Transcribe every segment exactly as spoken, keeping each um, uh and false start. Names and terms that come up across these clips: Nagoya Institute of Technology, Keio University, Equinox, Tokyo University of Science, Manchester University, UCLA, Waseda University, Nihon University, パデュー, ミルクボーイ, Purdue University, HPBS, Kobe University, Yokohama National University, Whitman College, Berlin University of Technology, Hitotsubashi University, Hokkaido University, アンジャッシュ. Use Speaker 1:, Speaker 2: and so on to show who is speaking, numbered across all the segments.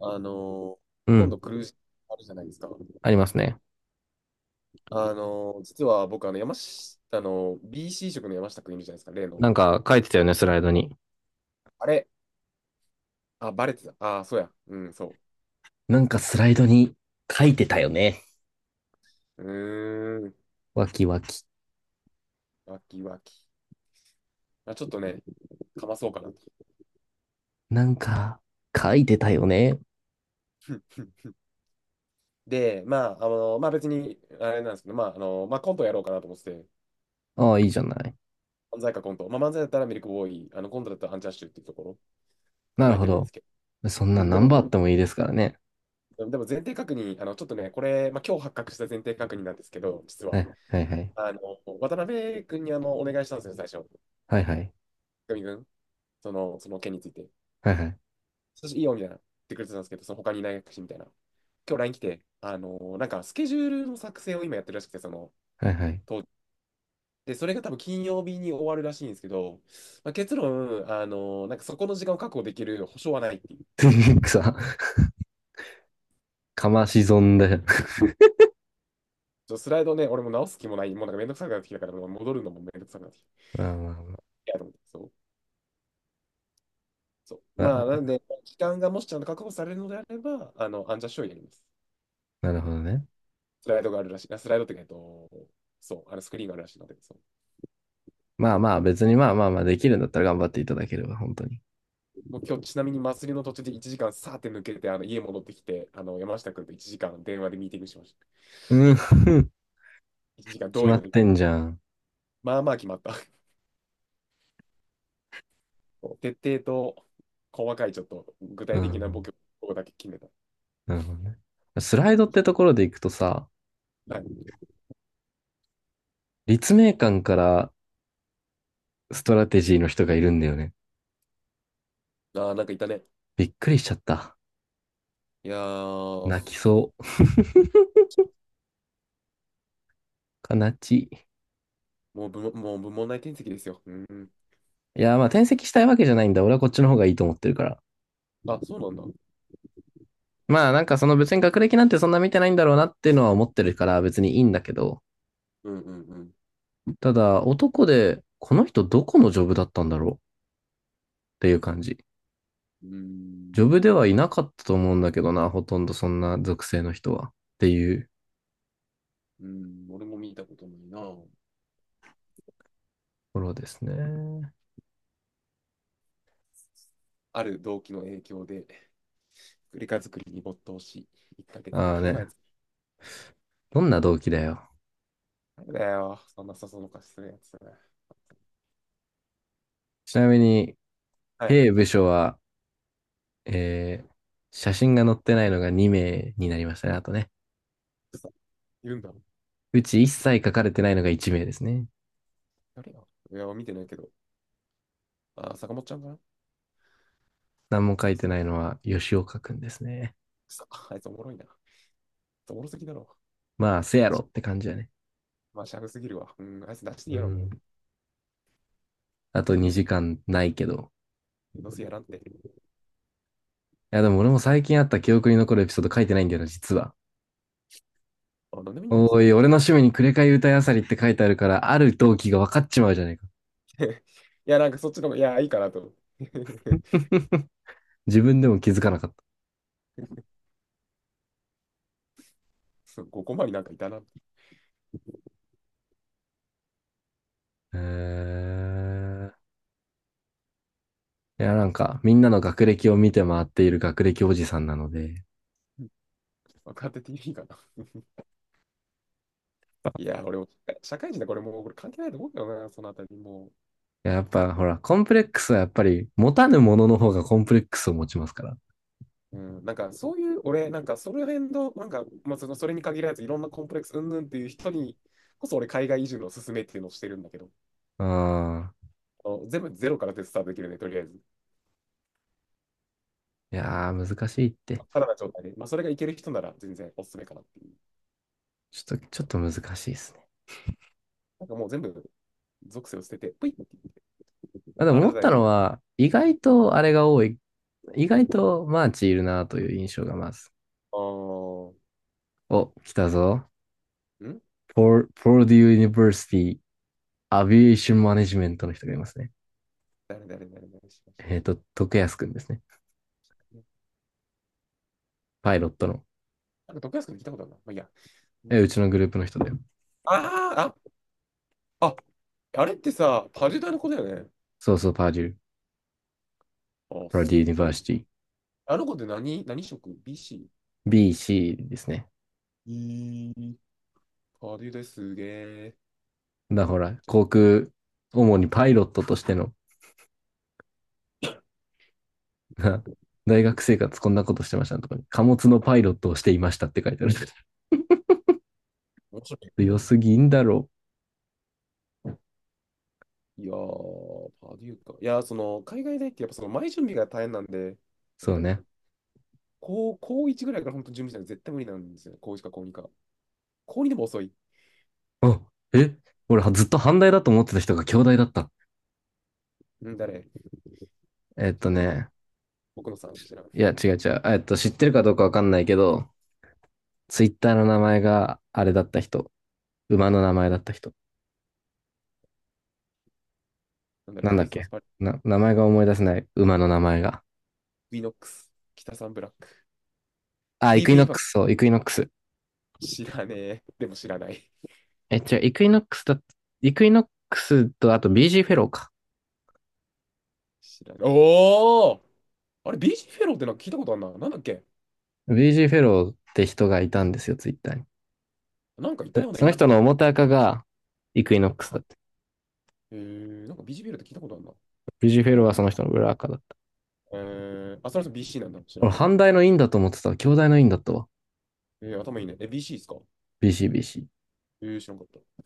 Speaker 1: あの、
Speaker 2: う
Speaker 1: 今
Speaker 2: ん。
Speaker 1: 度クルージングあるじゃないですか。
Speaker 2: ありますね。
Speaker 1: あの、実は僕、あの、山下あの ビーシー 職の山下くんいるじゃないですか、例の。
Speaker 2: なんか書いてたよね、スライドに。
Speaker 1: あれ、あ、バレてた。あ、そうや。うん、そ
Speaker 2: なんかスライドに書いてたよね。
Speaker 1: う。うーん、
Speaker 2: わきわき。
Speaker 1: わきわき。まあ、ちょっとね、かまそうかなと。
Speaker 2: なんか書いてたよね。
Speaker 1: で、まあ、あの、まあ別に、あれなんですけど、まあ、あの、まあコントやろうかなと思ってて、
Speaker 2: ああ、いいじゃない。
Speaker 1: 漫才かコント。まあ漫才だったらミルクボーイ、あの、コントだったらアンジャッシュっていうところ
Speaker 2: な
Speaker 1: 考
Speaker 2: る
Speaker 1: え
Speaker 2: ほ
Speaker 1: てるんで
Speaker 2: ど。
Speaker 1: すけど。
Speaker 2: そん
Speaker 1: う
Speaker 2: な
Speaker 1: ん、で
Speaker 2: 何
Speaker 1: も、
Speaker 2: 番あってもいいですからね。
Speaker 1: でも前提確認、あの、ちょっとね、これ、まあ今日発覚した前提確認なんですけど、実は。
Speaker 2: はい、はい、はい。
Speaker 1: あの、渡辺君にあの、お願いしたんですよね、最初。
Speaker 2: はい、はい。
Speaker 1: 久美君、その、その件について。
Speaker 2: はい、はい。
Speaker 1: そしていいよ、みたいな。言ってくれてたんですけど、その他にいないし、みたいな。今日 ライン 来て、あの、なんかスケジュールの作成を今やってるらしくて、その、
Speaker 2: はい、はい。
Speaker 1: 当時で、それが多分金曜日に終わるらしいんですけど、まあ、結論、あの、なんかそこの時間を確保できる保証はないっていう。
Speaker 2: さ、かまし損だよ。
Speaker 1: ちょスライドね、俺も直す気もない。もうなんかめんどくさくなってきたから、もう戻るのもめんどくさくなってきた。
Speaker 2: まあまあま
Speaker 1: いや、と思って、そう。そう。まあ、なん
Speaker 2: あ、
Speaker 1: で、時間がもしちゃんと確保されるのであれば、あの、アンジャッシュをやります。
Speaker 2: なるほどね。
Speaker 1: スライドがあるらしい。あスライドってか、えっと、そう、あのスクリーンがあるらしいので、そう
Speaker 2: まあまあ、別にまあまあまあ、できるんだったら頑張っていただければ、本当に。
Speaker 1: もう今日ちなみに祭りの途中でいちじかんさーって抜けて、あの家戻ってきて、あの山下君といちじかん電話でミーティングしました。
Speaker 2: うん。
Speaker 1: いちじかん
Speaker 2: 決
Speaker 1: どういう
Speaker 2: ま
Speaker 1: の
Speaker 2: っ
Speaker 1: に行っ
Speaker 2: て
Speaker 1: た
Speaker 2: ん
Speaker 1: の
Speaker 2: じゃん。
Speaker 1: まあまあ決まった。徹底と細かいちょっと具
Speaker 2: う
Speaker 1: 体的なボ
Speaker 2: ん、
Speaker 1: ケをだけ決めた。
Speaker 2: なるほどね。スライドってところでいくとさ、
Speaker 1: はい、
Speaker 2: 立命館からストラテジーの人がいるんだよね。
Speaker 1: ああ、なんかいたね。
Speaker 2: びっくりしちゃった。
Speaker 1: いやー、
Speaker 2: 泣きそう。悲ちい。
Speaker 1: もう部門もう部門内転籍ですよ。うん。
Speaker 2: いや、まあ転籍したいわけじゃないんだ。俺はこっちの方がいいと思ってるから。
Speaker 1: あ、そうなんだ。
Speaker 2: まあ、なんかその別に学歴なんてそんな見てないんだろうなっていうのは思ってるから別にいいんだけど、
Speaker 1: うんうんうん。
Speaker 2: ただ男でこの人どこのジョブだったんだろうっていう感じ。
Speaker 1: うー
Speaker 2: ジョブで
Speaker 1: ん、
Speaker 2: は
Speaker 1: 確
Speaker 2: い
Speaker 1: か
Speaker 2: なかったと思うんだけどな、ほとんどそんな属性の人は。っていうと
Speaker 1: うん、俺も見たことないな。
Speaker 2: ころですね。
Speaker 1: ある動機の影響で、作りか作りに没頭し、いっヶけで
Speaker 2: ああ
Speaker 1: 9
Speaker 2: ね。
Speaker 1: 枚作る。
Speaker 2: どんな動機だよ。
Speaker 1: なんだよ、そんな誘そのかしするやつ。
Speaker 2: ちなみに、
Speaker 1: はい。
Speaker 2: 兵部署はえー写真が載ってないのがに名になりましたね。あとね。
Speaker 1: くそ、いるんだ。
Speaker 2: うち一切書かれてないのがいち名ですね。
Speaker 1: 誰よ。いや、見てないけど。あ、坂本ちゃんかな
Speaker 2: 何も書い
Speaker 1: そ
Speaker 2: て
Speaker 1: んな、
Speaker 2: ないのは吉岡くんですね。
Speaker 1: さ、あいつおもろいな。おもろすぎだろ。
Speaker 2: まあ、せや
Speaker 1: あ
Speaker 2: ろ
Speaker 1: し、
Speaker 2: って感じやね。
Speaker 1: まあ、シャフすぎるわ。うん、あいつ出してい
Speaker 2: う
Speaker 1: いやろ、も
Speaker 2: ん。
Speaker 1: う。
Speaker 2: あとにじかんないけど。
Speaker 1: どうせやらんって。
Speaker 2: いや、でも俺も最近あった記憶に残るエピソード書いてないんだよな、実は。
Speaker 1: あ、なんでもいいんじゃないです
Speaker 2: お
Speaker 1: か。
Speaker 2: い、俺の趣味にくれかい歌いあさりって書いてあるから、ある動機が分かっちまうじゃないか。
Speaker 1: いや、なんかそっちの方が、いや、いいかなと思って。
Speaker 2: 自分でも気づかなかった。
Speaker 1: そう、ごコマになんかいたな。
Speaker 2: えー、いや、なんか、みんなの学歴を見て回っている学歴おじさんなので、
Speaker 1: 若手いいかな。いや、俺も、社会人だ、これもう、これ関係ないと思うけどな、そのあたり。もう、
Speaker 2: いややっぱほら、コンプレックスはやっぱり持たぬものの方がコンプレックスを持ちますから。
Speaker 1: うん、なんかそういう、俺、なんかその辺の、なんか、まあ、そのそれに限らず、いろんなコンプレックスうんぬんっていう人にこそ、俺、海外移住のおすすめっていうのをしてるんだけど、
Speaker 2: うん。
Speaker 1: あの全部ゼロからでスタートできるね、とりあえず。
Speaker 2: いやー、難しいって。
Speaker 1: さらな状態で、まあ、それがいける人なら全然おすすめかなっていう。
Speaker 2: ちょっと、ちょっと難しいですね。
Speaker 1: なんかもう全部属性を捨てて、ぷいって言っ
Speaker 2: あ、
Speaker 1: て、
Speaker 2: でも思
Speaker 1: 新
Speaker 2: っ
Speaker 1: た
Speaker 2: たの
Speaker 1: に、
Speaker 2: は、意外とあれが多い。意外とマーチいるなという印象がまず。
Speaker 1: あー、
Speaker 2: お、来たぞ。
Speaker 1: ん
Speaker 2: ポーデュー・ユニバーシティ・アビエーション・マネジメントの人がいますね。
Speaker 1: 誰誰誰誰しまし
Speaker 2: えっと、徳安くんですね。
Speaker 1: たね。
Speaker 2: パイロットの。
Speaker 1: なんか、徳安君聞いたことあるな。まあ、いいや。う
Speaker 2: え、
Speaker 1: ん、
Speaker 2: うちのグループの人だよ。
Speaker 1: あー、あ、あ、あれってさ、パジュダの子だよね。
Speaker 2: そうそう、パーデュー。
Speaker 1: あ、
Speaker 2: パーデュ
Speaker 1: す
Speaker 2: ー・ユニ
Speaker 1: げ
Speaker 2: バー
Speaker 1: え。
Speaker 2: シティ。
Speaker 1: あの子って何、何職？ ビーシー？
Speaker 2: ビーシー ですね。
Speaker 1: えー、パデューですげえ。
Speaker 2: だほら、
Speaker 1: じゃ
Speaker 2: 航空、主にパイロットとしての、大学生活こんなことしてましたとかに、貨物のパイロットをしていましたって書いてある。
Speaker 1: 面白い。
Speaker 2: 良すぎんだろう。
Speaker 1: いやー、パデューか。いやー、その、海外大ってやっぱその前準備が大変なんで、やっ
Speaker 2: そう
Speaker 1: ぱり、
Speaker 2: ね。
Speaker 1: 高、高いちぐらいから本当準備しないと絶対無理なんですよね。高いちか高にか。高にでも遅い。
Speaker 2: あ、え俺ずっと反対だと思ってた人が兄弟だった。
Speaker 1: うん、誰
Speaker 2: えっと
Speaker 1: 知らんけど。
Speaker 2: ね、
Speaker 1: 僕のさん知らん。
Speaker 2: いや
Speaker 1: うん。
Speaker 2: 違う違う。えっと、知ってるかどうかわかんないけど、ツイッターの名前があれだった人。馬の名前だった人。
Speaker 1: なんだろう、
Speaker 2: なん
Speaker 1: ク
Speaker 2: だっ
Speaker 1: リスマ
Speaker 2: け
Speaker 1: スパーティ
Speaker 2: な、名前が思い出せない。馬の名前が。
Speaker 1: ー、ウィノックス、北サンブラック、
Speaker 2: あ、イ
Speaker 1: ディー
Speaker 2: クイ
Speaker 1: プ
Speaker 2: ノ
Speaker 1: イン
Speaker 2: ッ
Speaker 1: パ
Speaker 2: ク
Speaker 1: クト、
Speaker 2: ス、そう、イクイノックス。
Speaker 1: 知らねえ。でも知らない。
Speaker 2: え、違う、イクイノックスだ、イクイノックスと、あと ビージー フェローか。
Speaker 1: 知らない。おーあれ、ビージーフェローってなんか聞いたことあんな。なんだっけ
Speaker 2: ビージー フェローって人がいたんですよ、ツイッターに。
Speaker 1: なんかいた
Speaker 2: で
Speaker 1: ような、
Speaker 2: そ
Speaker 1: い
Speaker 2: の
Speaker 1: な
Speaker 2: 人
Speaker 1: かっ
Speaker 2: の
Speaker 1: たな。
Speaker 2: 表赤がイクイノックス
Speaker 1: あ、
Speaker 2: だった。
Speaker 1: えー、なんかビージーフェローって聞いたことあんな。
Speaker 2: ビージー フェ
Speaker 1: な
Speaker 2: ローは
Speaker 1: なん
Speaker 2: その
Speaker 1: か
Speaker 2: 人の裏赤だった。
Speaker 1: えー、あ、それは ビーシー なんだ。知ら
Speaker 2: 俺、
Speaker 1: んけど。
Speaker 2: 反対の院だと思ってたわ。兄弟の院だったわ。
Speaker 1: えー、頭いいね。え、ビーシー ですか
Speaker 2: ビーシービーシー。
Speaker 1: えー、知らんかった。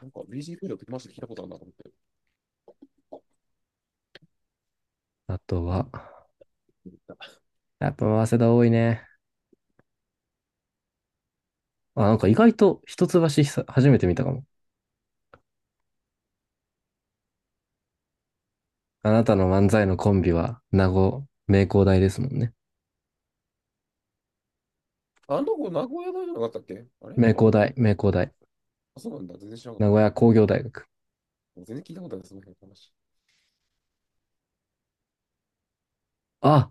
Speaker 1: なんか ビーシー フードってマジで聞いたことあるなと思って。
Speaker 2: あとは、やっぱ、早稲田多いね。あ、なんか意外と一橋久初めて見たかも。あなたの漫才のコンビは、名護、名工大ですもんね。
Speaker 1: ああの子、名古屋大じゃなかったっけあれ
Speaker 2: 名
Speaker 1: ちょ、わ
Speaker 2: 工
Speaker 1: かんな
Speaker 2: 大、
Speaker 1: い。
Speaker 2: 名工大。
Speaker 1: あ、そうなんだ。全然知らな
Speaker 2: 名
Speaker 1: かっ
Speaker 2: 古
Speaker 1: た。
Speaker 2: 屋工業大学。
Speaker 1: もう全然聞いたことない、その辺の話。
Speaker 2: あ、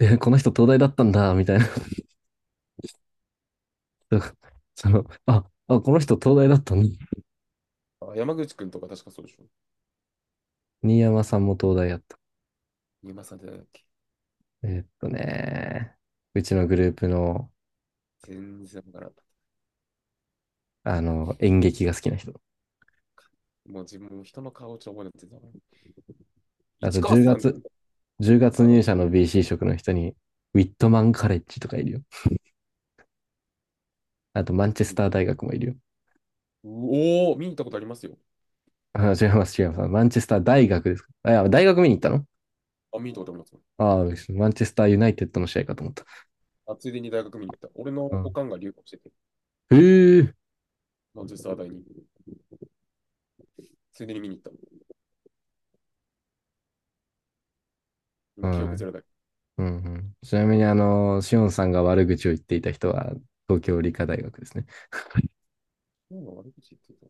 Speaker 2: え、この人東大だったんだ、みたいな。だからその、あ、あ、この人東大だったのに
Speaker 1: あ、山口くんとか確かそうでしょ。
Speaker 2: 新山さんも東大やった。
Speaker 1: 山さんじゃないっけ
Speaker 2: えーっとね、うちのグループの、
Speaker 1: 全然わからん。
Speaker 2: あの、演劇が好きな人。
Speaker 1: もう自分も人の顔をちょっと覚えなくてた。
Speaker 2: あ
Speaker 1: 市
Speaker 2: と
Speaker 1: 川
Speaker 2: 10
Speaker 1: さん、
Speaker 2: 月、じゅうがつ
Speaker 1: あの、
Speaker 2: 入
Speaker 1: う
Speaker 2: 社の ビーシー 職の人に、ウィットマンカレッジとかいるよ。あと、マンチェスター大学もいるよ。
Speaker 1: おー、見に行ったことありますよ。
Speaker 2: あ、違います、違います。マンチェスター大学ですか。あ、いや、大学見に行ったの、
Speaker 1: あ、見に行ったことありますよ。
Speaker 2: ああ、マンチェスターユナイテッドの試合かと思った。
Speaker 1: あ、ついでに大学見に行った。俺の
Speaker 2: うん、
Speaker 1: おかんが留学してて、
Speaker 2: へえ、
Speaker 1: まあ、実は大に、ついでに見に行った。
Speaker 2: う
Speaker 1: ま記憶ゼ
Speaker 2: ん
Speaker 1: ロだけ
Speaker 2: うんうん、ちなみに、あの、しおんさんが悪口を言っていた人は、東京理科大学ですね。
Speaker 1: ど。今悪口言ってた。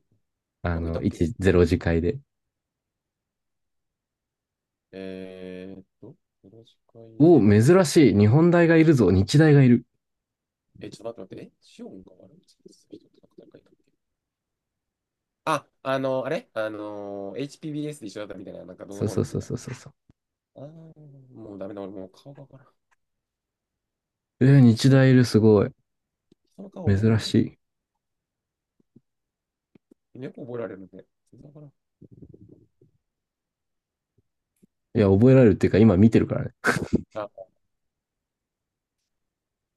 Speaker 2: あ
Speaker 1: なんかいた
Speaker 2: の、
Speaker 1: っけ
Speaker 2: いち、ゼロ次会で。
Speaker 1: えー、っと、よろしく
Speaker 2: お、
Speaker 1: で。
Speaker 2: 珍しい。日本大がいるぞ。日大がいる。
Speaker 1: え、ちょっと待って待って。え、シオンが悪口言ってた人ってなんか誰かいたっけあ、あのー、あれあのー、エイチピービーエス で一緒だったみたいな、なんかど
Speaker 2: そ
Speaker 1: の
Speaker 2: う
Speaker 1: こう
Speaker 2: そ
Speaker 1: の
Speaker 2: う
Speaker 1: みた
Speaker 2: そ
Speaker 1: い
Speaker 2: う
Speaker 1: な。
Speaker 2: そうそうそう。
Speaker 1: あー、もうダメだ、俺もう顔がわからん。
Speaker 2: えー、日
Speaker 1: 人の、
Speaker 2: 大いる。すごい。
Speaker 1: 人の顔覚え
Speaker 2: 珍
Speaker 1: られな
Speaker 2: し
Speaker 1: い。よく覚えられるんで、全然わか
Speaker 2: い。いや、覚えられるっていうか、今見てるからね。
Speaker 1: らん。あ、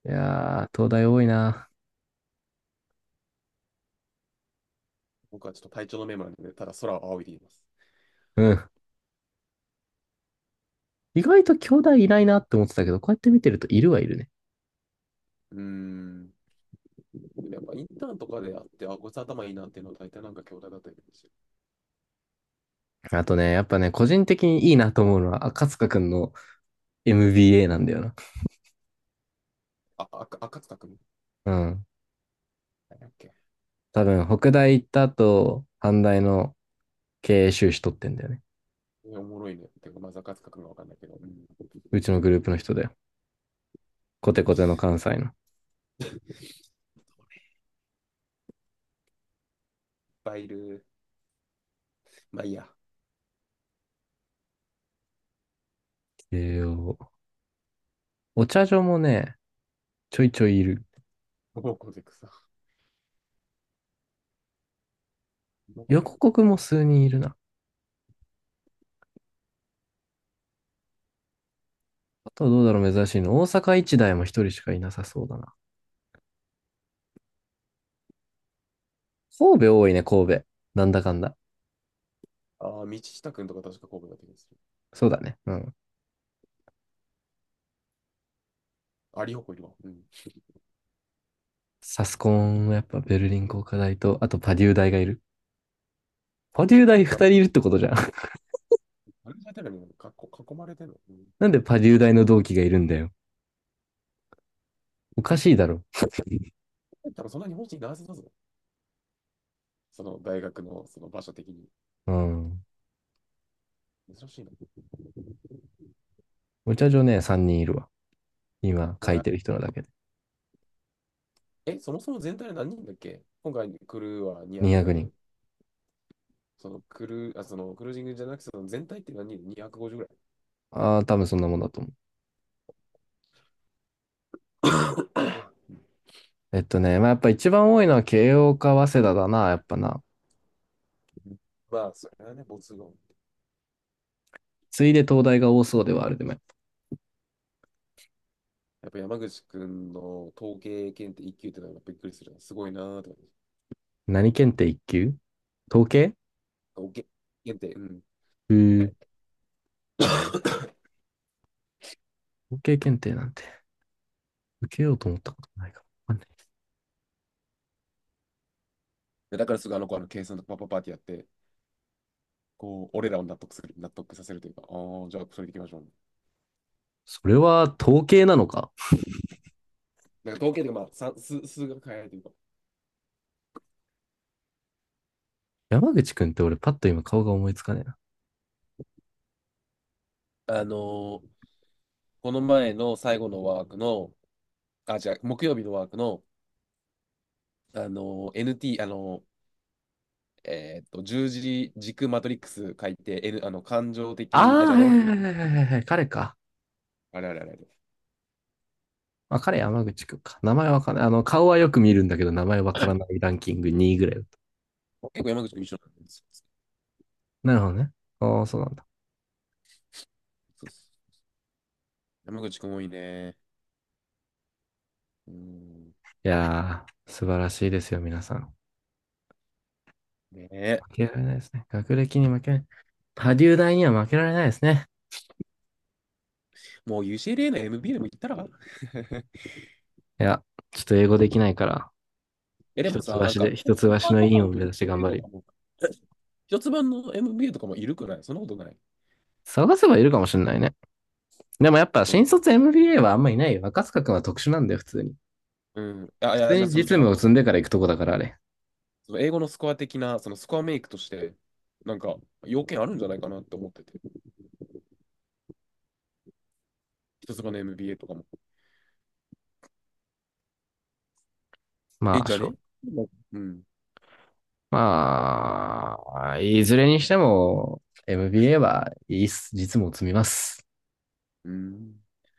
Speaker 2: いやー、東大多いな。
Speaker 1: 僕はちょっと体調のメモなんで、ただ空を仰いでいます。
Speaker 2: うん。意外と京大いないなって思ってたけど、こうやって見てるといるはいるね。
Speaker 1: うーん。でもやっぱインターンとかであって、あ、こいつ頭いいなっていうのは大体なんか兄弟だったりするんですよ
Speaker 2: あとね、やっぱね、個人的にいいなと思うのは、赤塚くんの エムビーエー なんだよな。
Speaker 1: あ、あ、赤塚く
Speaker 2: うん。
Speaker 1: なんだっけ
Speaker 2: 多分、北大行った後、阪大の経営修士取ってんだよね。
Speaker 1: おもろいね。てか、まあ、ザカツカ君がわかんないけど。うん
Speaker 2: うちのグループの人だよ。コテコテの関西の。
Speaker 1: バイル、まあいいや。
Speaker 2: 経営、お茶所もね、ちょいちょいいる。
Speaker 1: モモコゼクさん。モ
Speaker 2: 横
Speaker 1: や
Speaker 2: 国も数人いるな。あとはどうだろう、珍しいの。大阪一大も一人しかいなさそうだな。神戸多いね、神戸。なんだかんだ。
Speaker 1: ああ、道下君とか確か神戸だった気がする。
Speaker 2: そうだね。うん。
Speaker 1: あ、リホコいるわ。うん。
Speaker 2: サスコンもやっぱベルリン工科大と、あとパデュー大がいる。パデュー大
Speaker 1: や
Speaker 2: 二
Speaker 1: っぱ、
Speaker 2: 人いるってことじゃん。
Speaker 1: あれじゃてるのにかっこ囲まれてるの。うん。
Speaker 2: なんでパデュー大の同期がいるんだよ。おかしいだろ。
Speaker 1: 多分そんなに本人ないはずだぞ。その大学のその場所的に。
Speaker 2: うん。
Speaker 1: 珍しいな。
Speaker 2: お茶所ね、三人いるわ。今
Speaker 1: お
Speaker 2: 書い
Speaker 1: や
Speaker 2: てる人のだけで。
Speaker 1: え、そもそも全体で何人だっけ今回クルーはにひゃく
Speaker 2: 200
Speaker 1: だけど、
Speaker 2: 人。
Speaker 1: そのクルー、あ、そのクルージングじゃなくて、その全体って何人？ にひゃくごじゅう ぐらい。
Speaker 2: ああ、多分そんなもんだと思 う。えっとね、まあ、やっぱ一番多いのは慶応か早稲田だな、やっぱな。
Speaker 1: まあ、それはね、没後。
Speaker 2: ついで東大が多そうではあるでも。
Speaker 1: やっぱ山口くんの統計検定いっ級ってのはやっぱびっくりするな。すごいなーとか。
Speaker 2: 何検定いっきゅう級？統計？
Speaker 1: おけ検定、うん。
Speaker 2: うー、統計検定なんて受けようと思ったことないかもかんない。
Speaker 1: でだからすぐあの子あの計算とかパッパッパーってやって、こう、俺らを納得する、納得させるというか、ああ、じゃあそれでいきましょう、ね
Speaker 2: それは統計なのか？
Speaker 1: なんか統計というか、まあ、算数、数学変えないというか。
Speaker 2: 山口くんって俺パッと今顔が思いつかねえな。
Speaker 1: あのーこの前の最後のワークの、あ、じゃ木曜日のワークの、あのー エヌティー、あのーえーっと、十字軸マトリックス書いて、N、あの、感情
Speaker 2: あ
Speaker 1: 的、あ、
Speaker 2: あ、
Speaker 1: じゃあ
Speaker 2: はいは
Speaker 1: 論、
Speaker 2: いはいはいはい、彼か。
Speaker 1: あれあれあれあれ。
Speaker 2: まあ、彼山口くんか。名前わかんない。あの、顔はよく見るんだけど、名前わからないランキングにいぐらいだった。
Speaker 1: 結構山口くん一緒なんです。
Speaker 2: なるほどね。ああ、そうなんだ。
Speaker 1: そうっす山口くん多いね。うん。
Speaker 2: いやー、素晴らしいですよ、皆さん。
Speaker 1: ねえ。
Speaker 2: 負けられないですね。学歴に負けない。波竜大には負けられないですね。
Speaker 1: もう ユーシーエルエー の エムビーエー でも行ったら
Speaker 2: いや、ちょっと英語できないから、
Speaker 1: え、で
Speaker 2: 一
Speaker 1: もさ、なん
Speaker 2: 橋
Speaker 1: か、
Speaker 2: で、
Speaker 1: ホッ
Speaker 2: 一橋
Speaker 1: パー
Speaker 2: の
Speaker 1: と
Speaker 2: 委員
Speaker 1: か
Speaker 2: を目
Speaker 1: m
Speaker 2: 指して頑
Speaker 1: b
Speaker 2: 張
Speaker 1: と
Speaker 2: る。
Speaker 1: かも、一つ版の エムビーエー とかもいるくないそんなことない。
Speaker 2: 探せばいるかもしれないね。でもやっぱ
Speaker 1: うん。
Speaker 2: 新卒 エムビーエー はあんまいないよ。若塚くんは特殊なんだよ、普通に。
Speaker 1: うん。あ、い
Speaker 2: 普
Speaker 1: や、じ
Speaker 2: 通
Speaker 1: ゃあ
Speaker 2: に
Speaker 1: その、
Speaker 2: 実
Speaker 1: 違うあ
Speaker 2: 務を
Speaker 1: の、
Speaker 2: 積んでから行くとこだからあれ。
Speaker 1: その英語のスコア的な、そのスコアメイクとして、なんか、要件あるんじゃないかなって思ってて。一つ版の エムビーエー とかも。え、
Speaker 2: まあ、
Speaker 1: じゃ
Speaker 2: しょ
Speaker 1: ねうん。うん。
Speaker 2: まあ、いずれにしても エムビーエー はいいっす。実務を積みます。
Speaker 1: うん